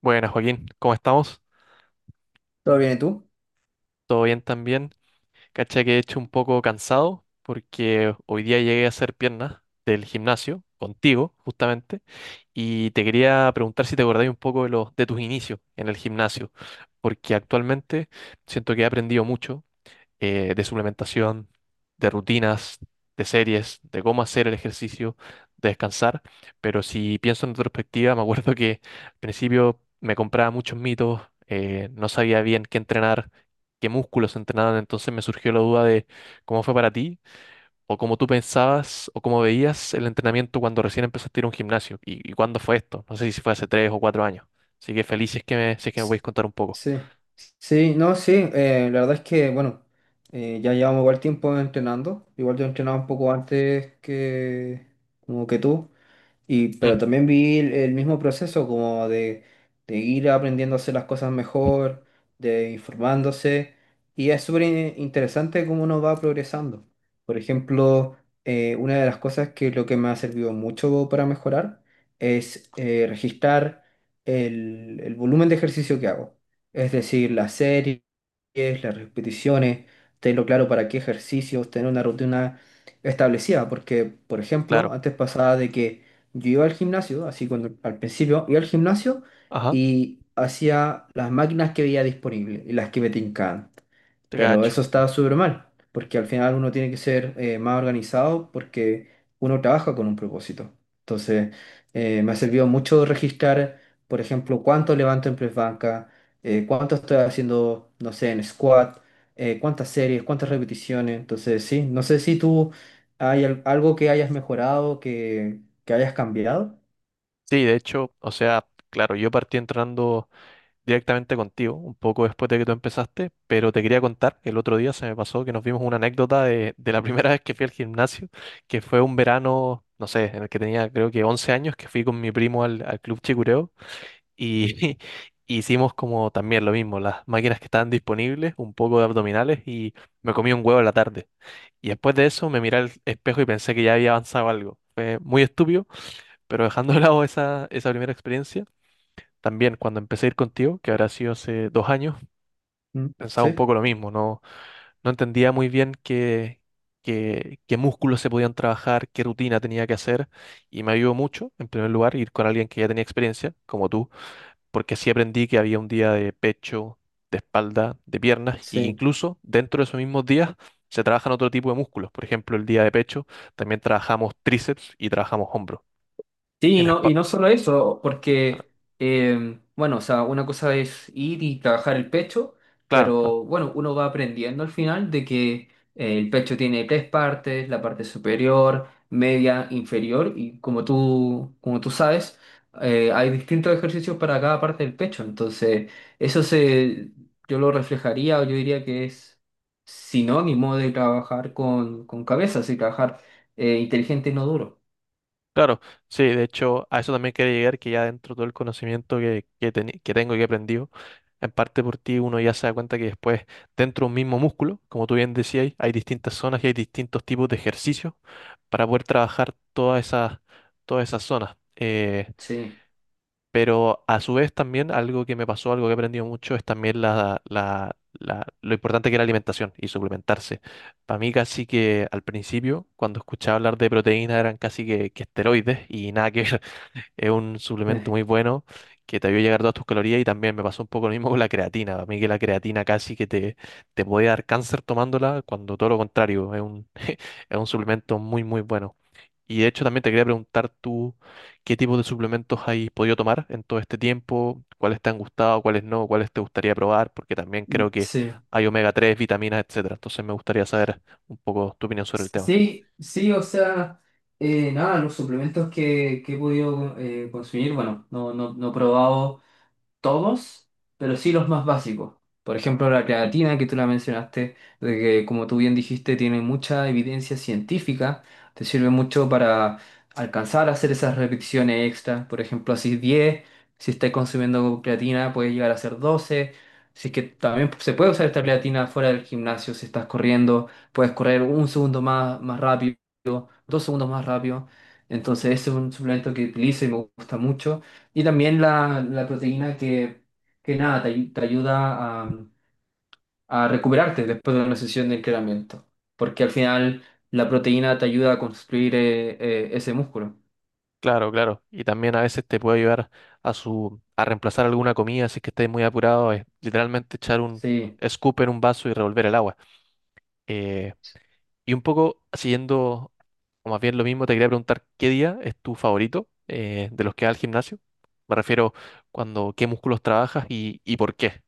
Buenas, Joaquín, ¿cómo estamos? ¿Todo bien, y tú? ¿Todo bien también? Cacha que he hecho un poco cansado porque hoy día llegué a hacer piernas del gimnasio contigo, justamente, y te quería preguntar si te acordáis un poco de los de tus inicios en el gimnasio, porque actualmente siento que he aprendido mucho, de suplementación, de rutinas, de series, de cómo hacer el ejercicio, de descansar. Pero si pienso en retrospectiva, me acuerdo que al principio me compraba muchos mitos, no sabía bien qué entrenar, qué músculos entrenaban, entonces me surgió la duda de cómo fue para ti, o cómo tú pensabas, o cómo veías el entrenamiento cuando recién empezaste a ir a un gimnasio, y cuándo fue esto, no sé si fue hace 3 o 4 años. Así que feliz si es que me, si es que me S- podéis contar un poco. Sí, sí, no, sí, la verdad es que, bueno, ya llevamos igual tiempo entrenando, igual yo entrenaba un poco antes que, como que tú. Y, Mm, pero también vi el mismo proceso como de ir aprendiendo a hacer las cosas mejor, de informándose. Y es súper interesante cómo uno va progresando. Por ejemplo, una de las cosas que lo que me ha servido mucho para mejorar es registrar el volumen de ejercicio que hago. Es decir, las series, las repeticiones, tenerlo claro para qué ejercicios, tener una rutina establecida. Porque, por ejemplo, claro, antes pasaba de que yo iba al gimnasio, así cuando al principio iba al gimnasio ajá, y hacía las máquinas que veía disponibles y las que me tincaban. te Pero cacho. eso está súper mal, porque al final uno tiene que ser más organizado porque uno trabaja con un propósito. Entonces, me ha servido mucho registrar, por ejemplo, cuánto levanto en press banca, cuánto estoy haciendo, no sé, en squat, cuántas series, cuántas repeticiones. Entonces, sí, no sé si tú hay algo que hayas mejorado, que hayas cambiado. Sí, de hecho, o sea, claro, yo partí entrando directamente contigo, un poco después de que tú empezaste, pero te quería contar, el otro día se me pasó que nos vimos una anécdota de la primera vez que fui al gimnasio, que fue un verano, no sé, en el que tenía creo que 11 años, que fui con mi primo al, al Club Chicureo y hicimos como también lo mismo, las máquinas que estaban disponibles, un poco de abdominales y me comí un huevo en la tarde. Y después de eso me miré al espejo y pensé que ya había avanzado algo. Fue muy estúpido, pero dejando de lado esa, esa primera experiencia. También cuando empecé a ir contigo, que habrá sido hace 2 años, ¿Mm? pensaba un Sí, poco lo mismo, no, no entendía muy bien qué, qué músculos se podían trabajar, qué rutina tenía que hacer, y me ayudó mucho, en primer lugar, ir con alguien que ya tenía experiencia, como tú, porque sí aprendí que había un día de pecho, de espalda, de piernas, y que sí. incluso dentro de esos mismos días se trabajan otro tipo de músculos. Por ejemplo, el día de pecho también trabajamos tríceps y trabajamos hombro. Sí, En espa- y no solo eso, porque, bueno, o sea, una cosa es ir y trabajar el pecho, claro, claro. pero bueno, uno va aprendiendo al final de que el pecho tiene 3 partes, la parte superior, media, inferior, y como tú sabes, hay distintos ejercicios para cada parte del pecho, entonces eso se, yo lo reflejaría o yo diría que es sinónimo de trabajar con cabeza, así trabajar inteligente y no duro. Claro, sí, de hecho, a eso también quería llegar, que ya dentro de todo el conocimiento que, que tengo y que he aprendido, en parte por ti uno ya se da cuenta que después, dentro de un mismo músculo, como tú bien decías, hay distintas zonas y hay distintos tipos de ejercicios para poder trabajar todas esas zonas. Sí. Pero a su vez también algo que me pasó, algo que he aprendido mucho, es también lo importante que es la alimentación y suplementarse. Para mí casi que al principio, cuando escuchaba hablar de proteínas, eran casi que esteroides y nada que ver. Es un suplemento muy bueno que te ayuda a llegar todas tus calorías y también me pasó un poco lo mismo con la creatina. A mí que la creatina casi que te puede dar cáncer tomándola, cuando todo lo contrario, es un suplemento muy, muy bueno. Y de hecho también te quería preguntar tú qué tipo de suplementos has podido tomar en todo este tiempo, cuáles te han gustado, cuáles no, cuáles te gustaría probar, porque también creo que Sí, hay omega 3 vitaminas, etcétera. Entonces me gustaría saber un poco tu opinión sobre el tema. sí, sí, o sea, nada, los suplementos que he podido consumir, bueno, no, no, no he probado todos, pero sí los más básicos. Por ejemplo, la creatina que tú la mencionaste, de que como tú bien dijiste, tiene mucha evidencia científica, te sirve mucho para alcanzar a hacer esas repeticiones extras. Por ejemplo, así 10, si estás consumiendo creatina, puedes llegar a hacer 12. Así que también se puede usar esta creatina fuera del gimnasio, si estás corriendo, puedes correr un segundo más, más rápido, dos segundos más rápido. Entonces ese es un suplemento que utilizo y me gusta mucho. Y también la proteína que nada, te, te ayuda a recuperarte después de una sesión de entrenamiento. Porque al final la proteína te ayuda a construir ese músculo. Claro, claro. Y también a veces te puede ayudar a su a reemplazar alguna comida si es que estés muy apurado. Es literalmente echar un Sí. scoop en un vaso y revolver el agua. Eh, y un poco siguiendo, o más bien lo mismo, te quería preguntar qué día es tu favorito de los que vas al gimnasio. Me refiero cuando qué músculos trabajas y por qué.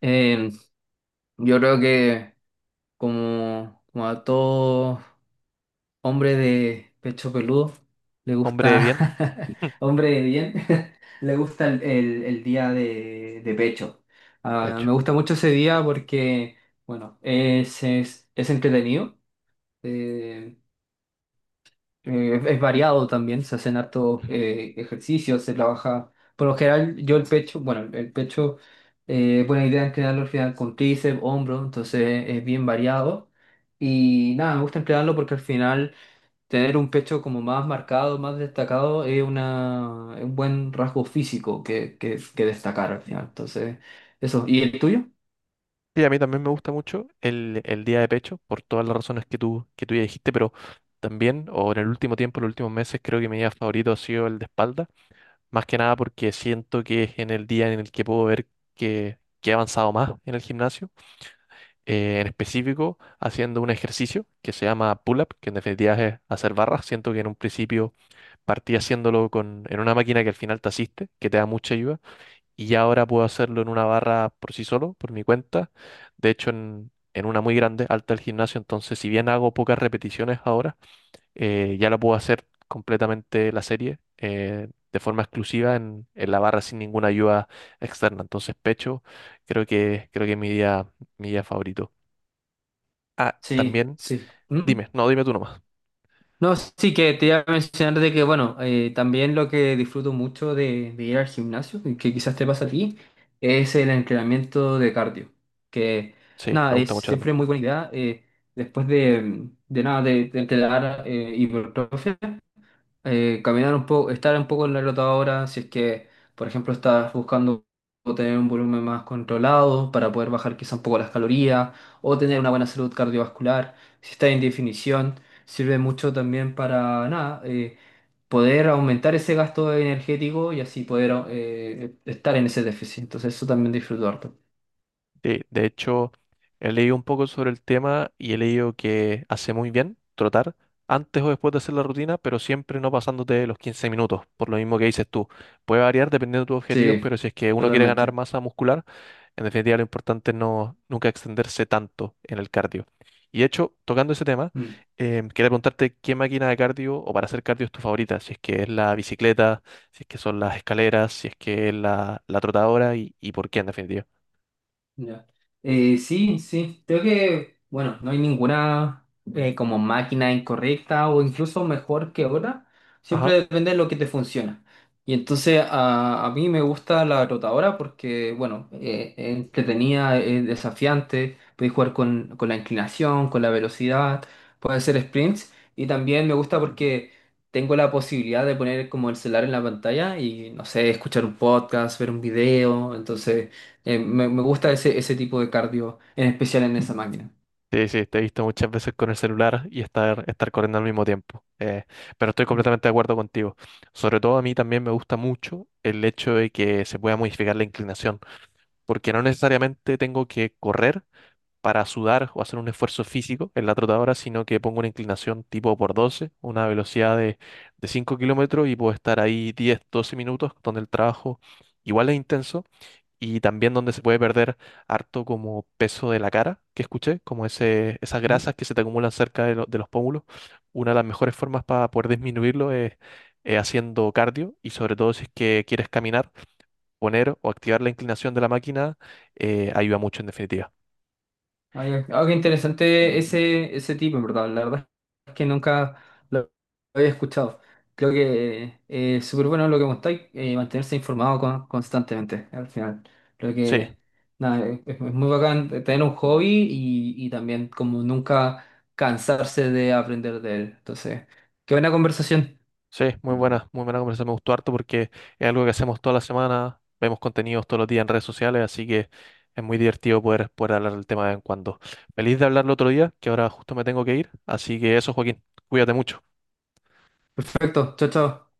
Eh, yo creo que como, como a todos. Hombre de pecho peludo, le Hombre de bien, gusta, hombre de bien, le gusta el día de pecho. de Ah, me hecho. gusta mucho ese día porque, bueno, es entretenido, eh, es variado también, se hacen hartos ejercicios, se trabaja. Por lo general, yo el pecho, bueno, el pecho, buena idea entrenarlo al final con tríceps, hombro, entonces es bien variado. Y nada, me gusta emplearlo porque al final tener un pecho como más marcado, más destacado, es una, es un buen rasgo físico que destacar al final. Entonces, eso. ¿Y el tuyo? Sí, a mí también me gusta mucho el día de pecho, por todas las razones que tú ya dijiste, pero también, o en el último tiempo, los últimos meses, creo que mi día favorito ha sido el de espalda, más que nada porque siento que es en el día en el que puedo ver que he avanzado más en el gimnasio, en específico haciendo un ejercicio que se llama pull-up, que en definitiva es hacer barras, siento que en un principio partí haciéndolo con, en una máquina que al final te asiste, que te da mucha ayuda y ya ahora puedo hacerlo en una barra por sí solo, por mi cuenta. De hecho, en una muy grande, alta del gimnasio, entonces si bien hago pocas repeticiones ahora, ya la puedo hacer completamente la serie de forma exclusiva en la barra sin ninguna ayuda externa. Entonces pecho, creo que es mi día favorito. Ah, Sí, también, sí. Mm. dime, no, dime tú nomás. No, sí que te iba a mencionar de que, bueno, también lo que disfruto mucho de ir al gimnasio, y que quizás te pasa a ti, es el entrenamiento de cardio, que Sí, nada, me es gusta mucho también. siempre muy buena idea. Después de nada, de entrenar hipertrofia. Caminar un poco, estar un poco en la rotadora, si es que, por ejemplo, estás buscando tener un volumen más controlado para poder bajar quizá un poco las calorías o tener una buena salud cardiovascular, si estás en definición, sirve mucho también para nada, poder aumentar ese gasto energético y así poder estar en ese déficit. Entonces eso también disfruto harto. Sí, de hecho, he leído un poco sobre el tema y he leído que hace muy bien trotar antes o después de hacer la rutina, pero siempre no pasándote los 15 minutos, por lo mismo que dices tú. Puede variar dependiendo de tus objetivos, pero Sí, si es que uno quiere ganar totalmente. masa muscular, en definitiva lo importante es no, nunca extenderse tanto en el cardio. Y de hecho, tocando ese tema, Mm. Quería preguntarte qué máquina de cardio o para hacer cardio es tu favorita, si es que es la bicicleta, si es que son las escaleras, si es que es la, la trotadora y por qué en definitiva. Ya. Sí, sí, creo que, bueno, no hay ninguna como máquina incorrecta o incluso mejor que otra, siempre depende de lo que te funciona. Y entonces a mí me gusta la rotadora porque, bueno, es entretenida, es desafiante, puedes jugar con la inclinación, con la velocidad, puedes hacer sprints y también me gusta porque tengo la posibilidad de poner como el celular en la pantalla y, no sé, escuchar un podcast, ver un video, entonces… me, me gusta ese, ese tipo de cardio, en especial en esa máquina. Sí, sí, te he visto muchas veces con el celular y estar, estar corriendo al mismo tiempo. Pero estoy Mm, completamente de acuerdo contigo. Sobre todo a mí también me gusta mucho el hecho de que se pueda modificar la inclinación, porque no necesariamente tengo que correr para sudar o hacer un esfuerzo físico en la trotadora, sino que pongo una inclinación tipo por 12, una velocidad de 5 kilómetros y puedo estar ahí 10, 12 minutos donde el trabajo igual es intenso y también donde se puede perder harto como peso de la cara, que escuché, como ese, esas mm. grasas que se te acumulan cerca de, lo- de los pómulos. Una de las mejores formas para poder disminuirlo es haciendo cardio y sobre todo si es que quieres caminar, poner o activar la inclinación de la máquina ayuda mucho en definitiva. Ah, ya. Ah, qué interesante ese, ese tipo, en verdad. La verdad es que nunca lo había escuchado. Creo que es súper bueno lo que contáis, mantenerse informado constantemente al final. Creo Sí. que nada, es muy bacán tener un hobby y también como nunca cansarse de aprender de él. Entonces, qué buena conversación. Sí, muy buena conversación. Me gustó harto porque es algo que hacemos toda la semana, vemos contenidos todos los días en redes sociales, así que es muy divertido poder, poder hablar del tema de vez en cuando. Feliz de hablarlo otro día, que ahora justo me tengo que ir. Así que eso, Joaquín, cuídate mucho. Perfecto, chao, chao.